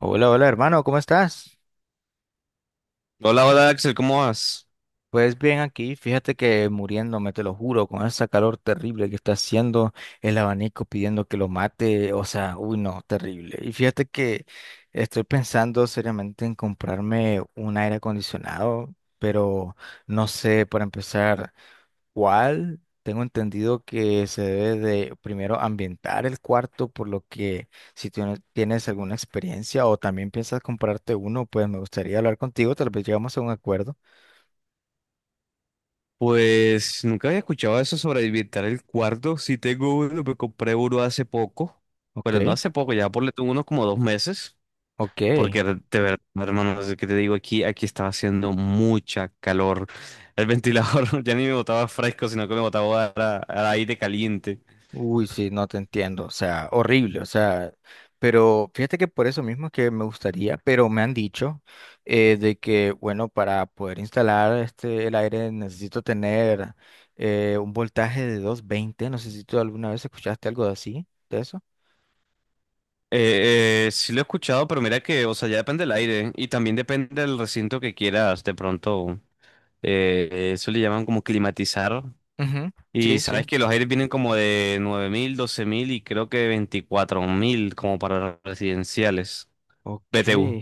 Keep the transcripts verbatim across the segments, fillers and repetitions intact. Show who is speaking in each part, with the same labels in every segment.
Speaker 1: Hola, hola hermano, ¿cómo estás?
Speaker 2: Hola, hola Axel, ¿cómo vas?
Speaker 1: Pues bien aquí, fíjate que muriéndome, te lo juro, con esa calor terrible que está haciendo el abanico pidiendo que lo mate, o sea, uy no, terrible. Y fíjate que estoy pensando seriamente en comprarme un aire acondicionado, pero no sé, para empezar. Cual tengo entendido que se debe de primero ambientar el cuarto, por lo que si tú no tienes alguna experiencia o también piensas comprarte uno, pues me gustaría hablar contigo, tal vez llegamos a un acuerdo.
Speaker 2: Pues nunca había escuchado eso sobre habitar el cuarto. Sí tengo uno, me compré uno hace poco. Bueno, no
Speaker 1: Ok,
Speaker 2: hace poco, ya por tuve unos como dos meses.
Speaker 1: ok.
Speaker 2: Porque de de verdad, hermano, no sé qué te digo, aquí, aquí estaba haciendo mucha calor. El ventilador ya ni me botaba fresco, sino que me botaba a- a- aire caliente.
Speaker 1: Uy, sí, no te entiendo, o sea, horrible, o sea, pero fíjate que por eso mismo es que me gustaría, pero me han dicho eh, de que, bueno, para poder instalar este, el aire necesito tener eh, un voltaje de doscientos veinte, no sé si tú alguna vez escuchaste algo de así, de eso.
Speaker 2: Eh, eh, sí lo he escuchado, pero mira que, o sea, ya depende del aire, ¿eh? Y también depende del recinto que quieras. De pronto, eh, eso le llaman como climatizar.
Speaker 1: Ujú.
Speaker 2: Y
Speaker 1: Sí, sí.
Speaker 2: sabes que los aires vienen como de nueve mil, doce mil y creo que veinticuatro mil, como para residenciales.
Speaker 1: Ok,
Speaker 2: B T U.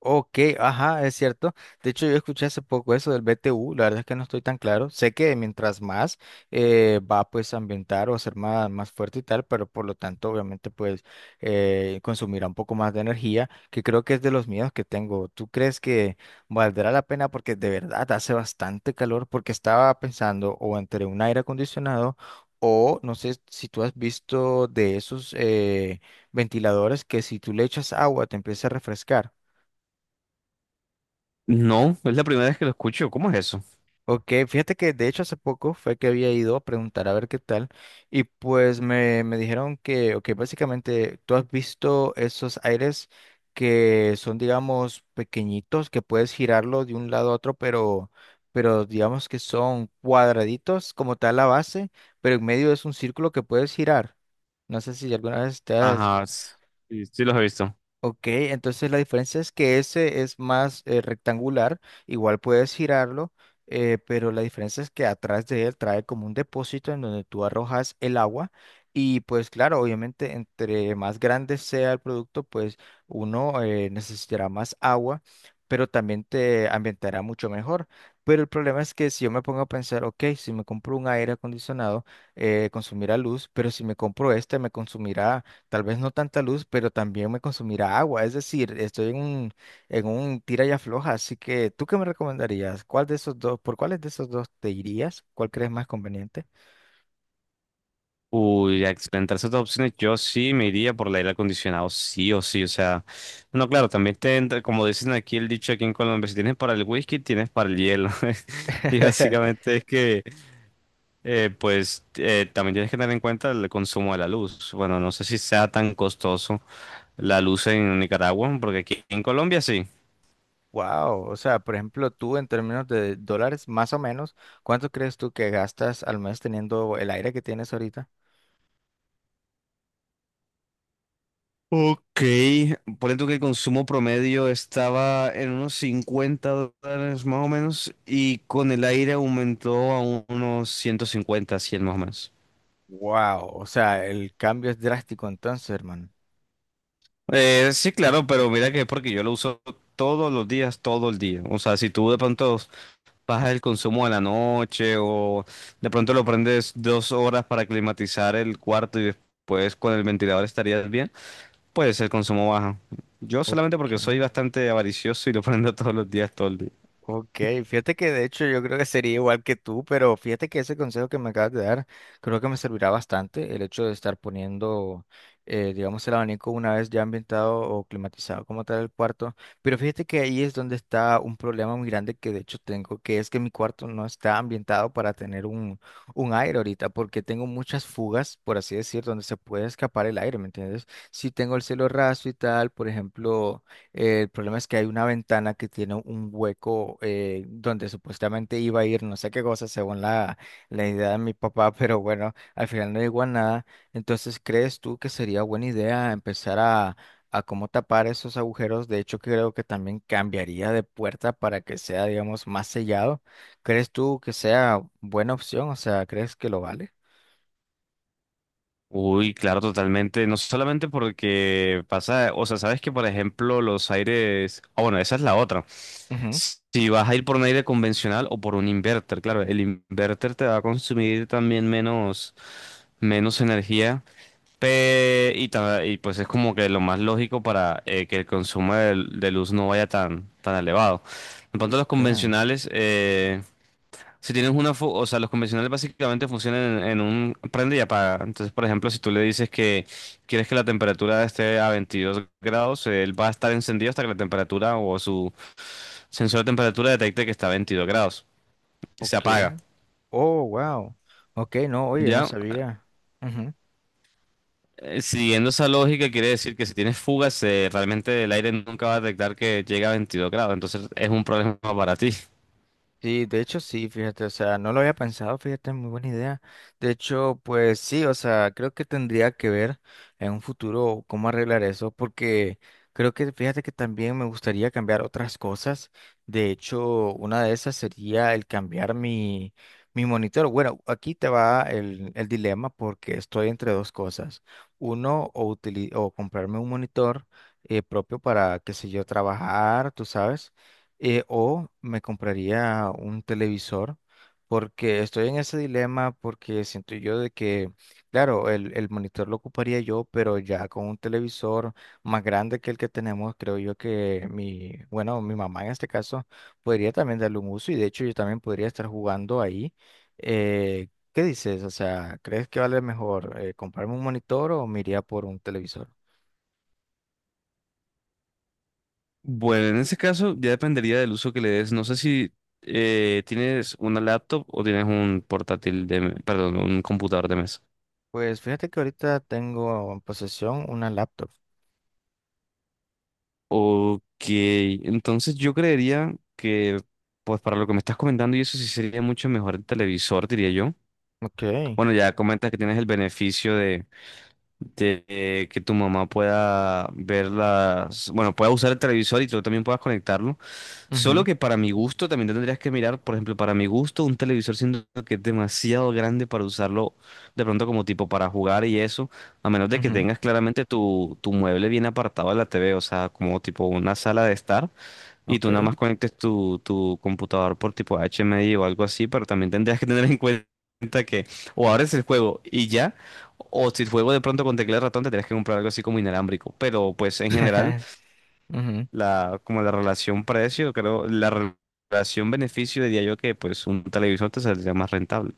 Speaker 1: ok, ajá, es cierto. De hecho, yo escuché hace poco eso del B T U, la verdad es que no estoy tan claro. Sé que mientras más eh, va pues a ambientar o a ser más, más fuerte y tal, pero por lo tanto, obviamente, pues eh, consumirá un poco más de energía, que creo que es de los miedos que tengo. ¿Tú crees que valdrá la pena? Porque de verdad hace bastante calor, porque estaba pensando o entre un aire acondicionado o no sé si tú has visto de esos... eh, ventiladores que si tú le echas agua te empieza a refrescar.
Speaker 2: No, es la primera vez que lo escucho. ¿Cómo es eso?
Speaker 1: Ok, fíjate que de hecho hace poco fue que había ido a preguntar a ver qué tal y pues me, me dijeron que, ok, básicamente tú has visto esos aires que son, digamos, pequeñitos, que puedes girarlo de un lado a otro, pero, pero digamos que son cuadraditos como tal la base, pero en medio es un círculo que puedes girar. No sé si alguna vez te has
Speaker 2: Ajá, s- sí, sí los he visto.
Speaker 1: Ok, entonces la diferencia es que ese es más eh, rectangular, igual puedes girarlo, eh, pero la diferencia es que atrás de él trae como un depósito en donde tú arrojas el agua y pues claro, obviamente entre más grande sea el producto, pues uno eh, necesitará más agua, pero también te ambientará mucho mejor. Pero el problema es que si yo me pongo a pensar, ok, si me compro un aire acondicionado, eh, consumirá luz, pero si me compro este, me consumirá tal vez no tanta luz, pero también me consumirá agua. Es decir, estoy en un, en un tira y afloja. Así que, ¿tú qué me recomendarías? ¿Cuál de esos dos, por cuáles de esos dos te irías? ¿Cuál crees más conveniente?
Speaker 2: Uy, a experimentar ciertas opciones, yo sí me iría por el aire acondicionado, sí o sí. O sea, no, claro, también te entra, como dicen aquí el dicho aquí en Colombia, si tienes para el whisky, tienes para el hielo. Y básicamente es que, eh, pues, eh, también tienes que tener en cuenta el consumo de la luz. Bueno, no sé si sea tan costoso la luz en Nicaragua, porque aquí en Colombia sí.
Speaker 1: Wow. O sea, por ejemplo, tú en términos de dólares, más o menos, ¿cuánto crees tú que gastas al mes teniendo el aire que tienes ahorita?
Speaker 2: Ok, por tú que el consumo promedio estaba en unos cincuenta dólares más o menos, y con el aire aumentó a unos ciento cincuenta, cien más o menos.
Speaker 1: Wow. O sea, el cambio es drástico entonces, hermano.
Speaker 2: Eh, sí, claro, pero mira que es porque yo lo uso todos los días, todo el día. O sea, si tú de pronto bajas el consumo a la noche o de pronto lo prendes dos horas para climatizar el cuarto, y después con el ventilador estarías bien. Puede ser consumo bajo. Yo
Speaker 1: Ok.
Speaker 2: solamente porque soy bastante avaricioso y lo prendo todos los días, todo el día.
Speaker 1: Ok, fíjate que de hecho yo creo que sería igual que tú, pero fíjate que ese consejo que me acabas de dar creo que me servirá bastante el hecho de estar poniendo, eh, digamos, el abanico una vez ya ambientado o climatizado como tal el cuarto. Pero fíjate que ahí es donde está un problema muy grande que de hecho tengo, que es que mi cuarto no está ambientado para tener un, un aire ahorita, porque tengo muchas fugas, por así decir, donde se puede escapar el aire, ¿me entiendes? Si tengo el cielo raso y tal, por ejemplo. Eh, el problema es que hay una ventana que tiene un hueco eh, donde supuestamente iba a ir no sé qué cosa según la, la idea de mi papá, pero bueno, al final no llegó a nada. Entonces, ¿crees tú que sería buena idea empezar a, a cómo tapar esos agujeros? De hecho, creo que también cambiaría de puerta para que sea, digamos, más sellado. ¿Crees tú que sea buena opción? O sea, ¿crees que lo vale?
Speaker 2: Uy, claro, totalmente. No solamente porque pasa, o sea, sabes que por ejemplo los aires, ah, bueno, esa es la otra.
Speaker 1: Ujú.
Speaker 2: Si vas a ir por un aire convencional o por un inverter, claro, el inverter te va a consumir también menos, menos energía. pe- y, ta- y pues es como que lo más lógico para eh, que el consumo de, de luz no vaya tan, tan elevado. En cuanto a los
Speaker 1: Ok,
Speaker 2: convencionales, eh, si tienes una, fu- o sea, los convencionales básicamente funcionan en, en un prende y apaga. Entonces, por ejemplo, si tú le dices que quieres que la temperatura esté a veintidós grados, él va a estar encendido hasta que la temperatura o su sensor de temperatura detecte que está a veintidós grados. Se
Speaker 1: ok.
Speaker 2: apaga.
Speaker 1: Oh, wow. Ok, no, oye, no
Speaker 2: Ya.
Speaker 1: sabía.
Speaker 2: Eh, siguiendo esa lógica, quiere decir que si tienes fugas, eh, realmente el aire nunca va a detectar que llega a veintidós grados. Entonces, es un problema para ti.
Speaker 1: Sí, de hecho sí, fíjate, o sea, no lo había pensado, fíjate, muy buena idea. De hecho, pues sí, o sea, creo que tendría que ver en un futuro cómo arreglar eso, porque creo que, fíjate que también me gustaría cambiar otras cosas. De hecho, una de esas sería el cambiar mi, mi monitor. Bueno, aquí te va el, el dilema porque estoy entre dos cosas. Uno, o, utili- o comprarme un monitor eh, propio para, qué sé yo, trabajar, tú sabes eh, o me compraría un televisor, porque estoy en ese dilema, porque siento yo de que, claro, el, el monitor lo ocuparía yo, pero ya con un televisor más grande que el que tenemos, creo yo que mi, bueno, mi mamá en este caso podría también darle un uso y de hecho yo también podría estar jugando ahí. Eh, ¿qué dices? O sea, ¿crees que vale mejor eh, comprarme un monitor o me iría por un televisor?
Speaker 2: Bueno, en ese caso ya dependería del uso que le des. No sé si eh, tienes una laptop o tienes un portátil de, me- perdón, un computador de mesa.
Speaker 1: Pues fíjate que ahorita tengo en posesión una laptop.
Speaker 2: Ok, entonces yo creería que, pues, para lo que me estás comentando, y eso sí sería mucho mejor el televisor, diría yo.
Speaker 1: Ok.
Speaker 2: Bueno, ya comentas que tienes el beneficio de eh, que tu mamá pueda ver las, bueno, pueda usar el televisor y tú también puedas conectarlo. Solo
Speaker 1: Ujú.
Speaker 2: que para mi gusto también tendrías que mirar, por ejemplo, para mi gusto un televisor siento que es demasiado grande para usarlo de pronto como tipo para jugar y eso, a menos de que
Speaker 1: Ujú.
Speaker 2: tengas claramente tu, tu mueble bien apartado de la T V, o sea, como tipo una sala de estar. Y tú nada
Speaker 1: Ok.
Speaker 2: más conectes tu, tu computador por tipo H M I o algo así, pero también tendrías que tener en cuenta que o abres el juego y ya, o si el juego de pronto con teclado y ratón tendrías que comprar algo así como inalámbrico. Pero, pues, en general,
Speaker 1: Ujú.
Speaker 2: la, como la relación precio, creo, la re- relación beneficio diría yo que, pues, un televisor te saldría más rentable.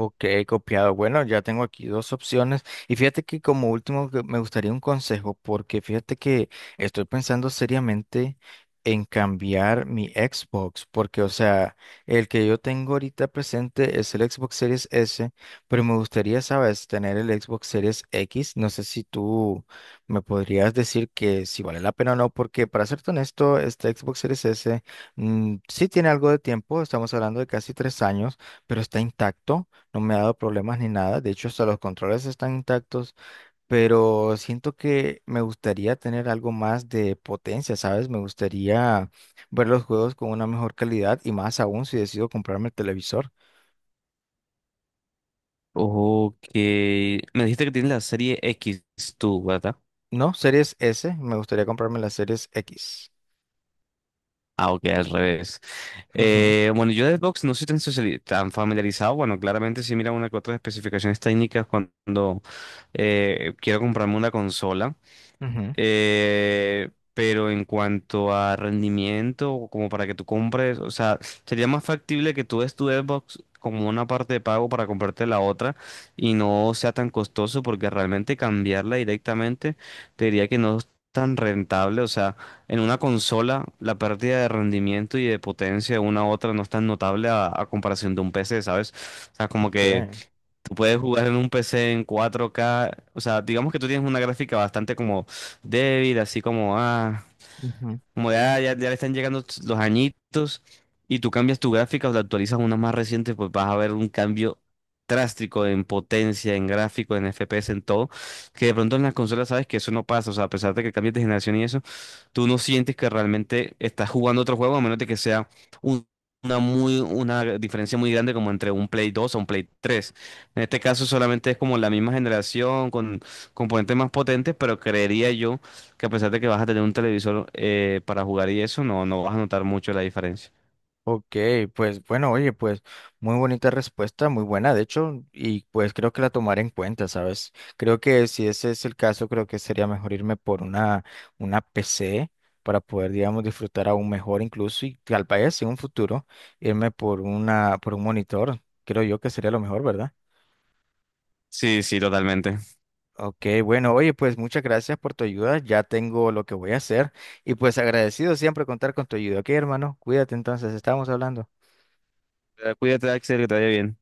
Speaker 1: Ok, copiado. Bueno, ya tengo aquí dos opciones. Y fíjate que como último que me gustaría un consejo, porque fíjate que estoy pensando seriamente en cambiar mi Xbox, porque o sea, el que yo tengo ahorita presente es el Xbox Series S, pero me gustaría, sabes, tener el Xbox Series X. No sé si tú me podrías decir que si vale la pena o no, porque para serte honesto, este Xbox Series S mm, sí tiene algo de tiempo, estamos hablando de casi tres años, pero está intacto, no me ha dado problemas ni nada. De hecho, hasta los controles están intactos, pero siento que me gustaría tener algo más de potencia, ¿sabes? Me gustaría ver los juegos con una mejor calidad y más aún si decido comprarme el televisor.
Speaker 2: Ok, me dijiste que tienes la serie X tú, ¿verdad?
Speaker 1: No, series S, me gustaría comprarme las series X.
Speaker 2: Ah, ok, al revés.
Speaker 1: Ujú,
Speaker 2: Eh, bueno, yo de Xbox no soy tan, sociali- tan familiarizado. Bueno, claramente sí mira una que otras especificaciones técnicas cuando eh, quiero comprarme una consola.
Speaker 1: ujú.
Speaker 2: Eh, pero en cuanto a rendimiento, o como para que tú compres, o sea, sería más factible que tú des tu Xbox como una parte de pago para comprarte la otra y no sea tan costoso, porque realmente cambiarla directamente te diría que no es tan rentable. O sea, en una consola la pérdida de rendimiento y de potencia de una a otra no es tan notable a, a comparación de un P C, ¿sabes? O sea, como
Speaker 1: Ok.
Speaker 2: que... Tú puedes jugar en un P C en cuatro K. O sea, digamos que tú tienes una gráfica bastante como débil, así como, ah,
Speaker 1: Ujú.
Speaker 2: como ya, ya, ya le están llegando tus- los añitos, y tú cambias tu gráfica o la actualizas a una más reciente, pues vas a ver un cambio drástico en potencia, en gráfico, en F P S, en todo, que de pronto en las consolas sabes que eso no pasa. O sea, a pesar de que cambies de generación y eso, tú no sientes que realmente estás jugando otro juego, a menos de que sea un- una muy, una diferencia muy grande, como entre un Play dos a un Play tres. En este caso solamente es como la misma generación con componentes más potentes, pero creería yo que, a pesar de que vas a tener un televisor eh, para jugar y eso, no, no vas a notar mucho la diferencia.
Speaker 1: Ok, pues bueno, oye, pues muy bonita respuesta, muy buena, de hecho, y pues creo que la tomaré en cuenta, ¿sabes? Creo que si ese es el caso, creo que sería mejor irme por una, una P C para poder, digamos, disfrutar aún mejor incluso y tal vez en un futuro irme por una, por un monitor, creo yo que sería lo mejor, ¿verdad?
Speaker 2: Sí, sí, totalmente.
Speaker 1: Ok, bueno, oye, pues muchas gracias por tu ayuda, ya tengo lo que voy a hacer y pues agradecido siempre contar con tu ayuda, ok, hermano, cuídate entonces, estamos hablando.
Speaker 2: Eh, Cuídate, Axel, que te vaya bien.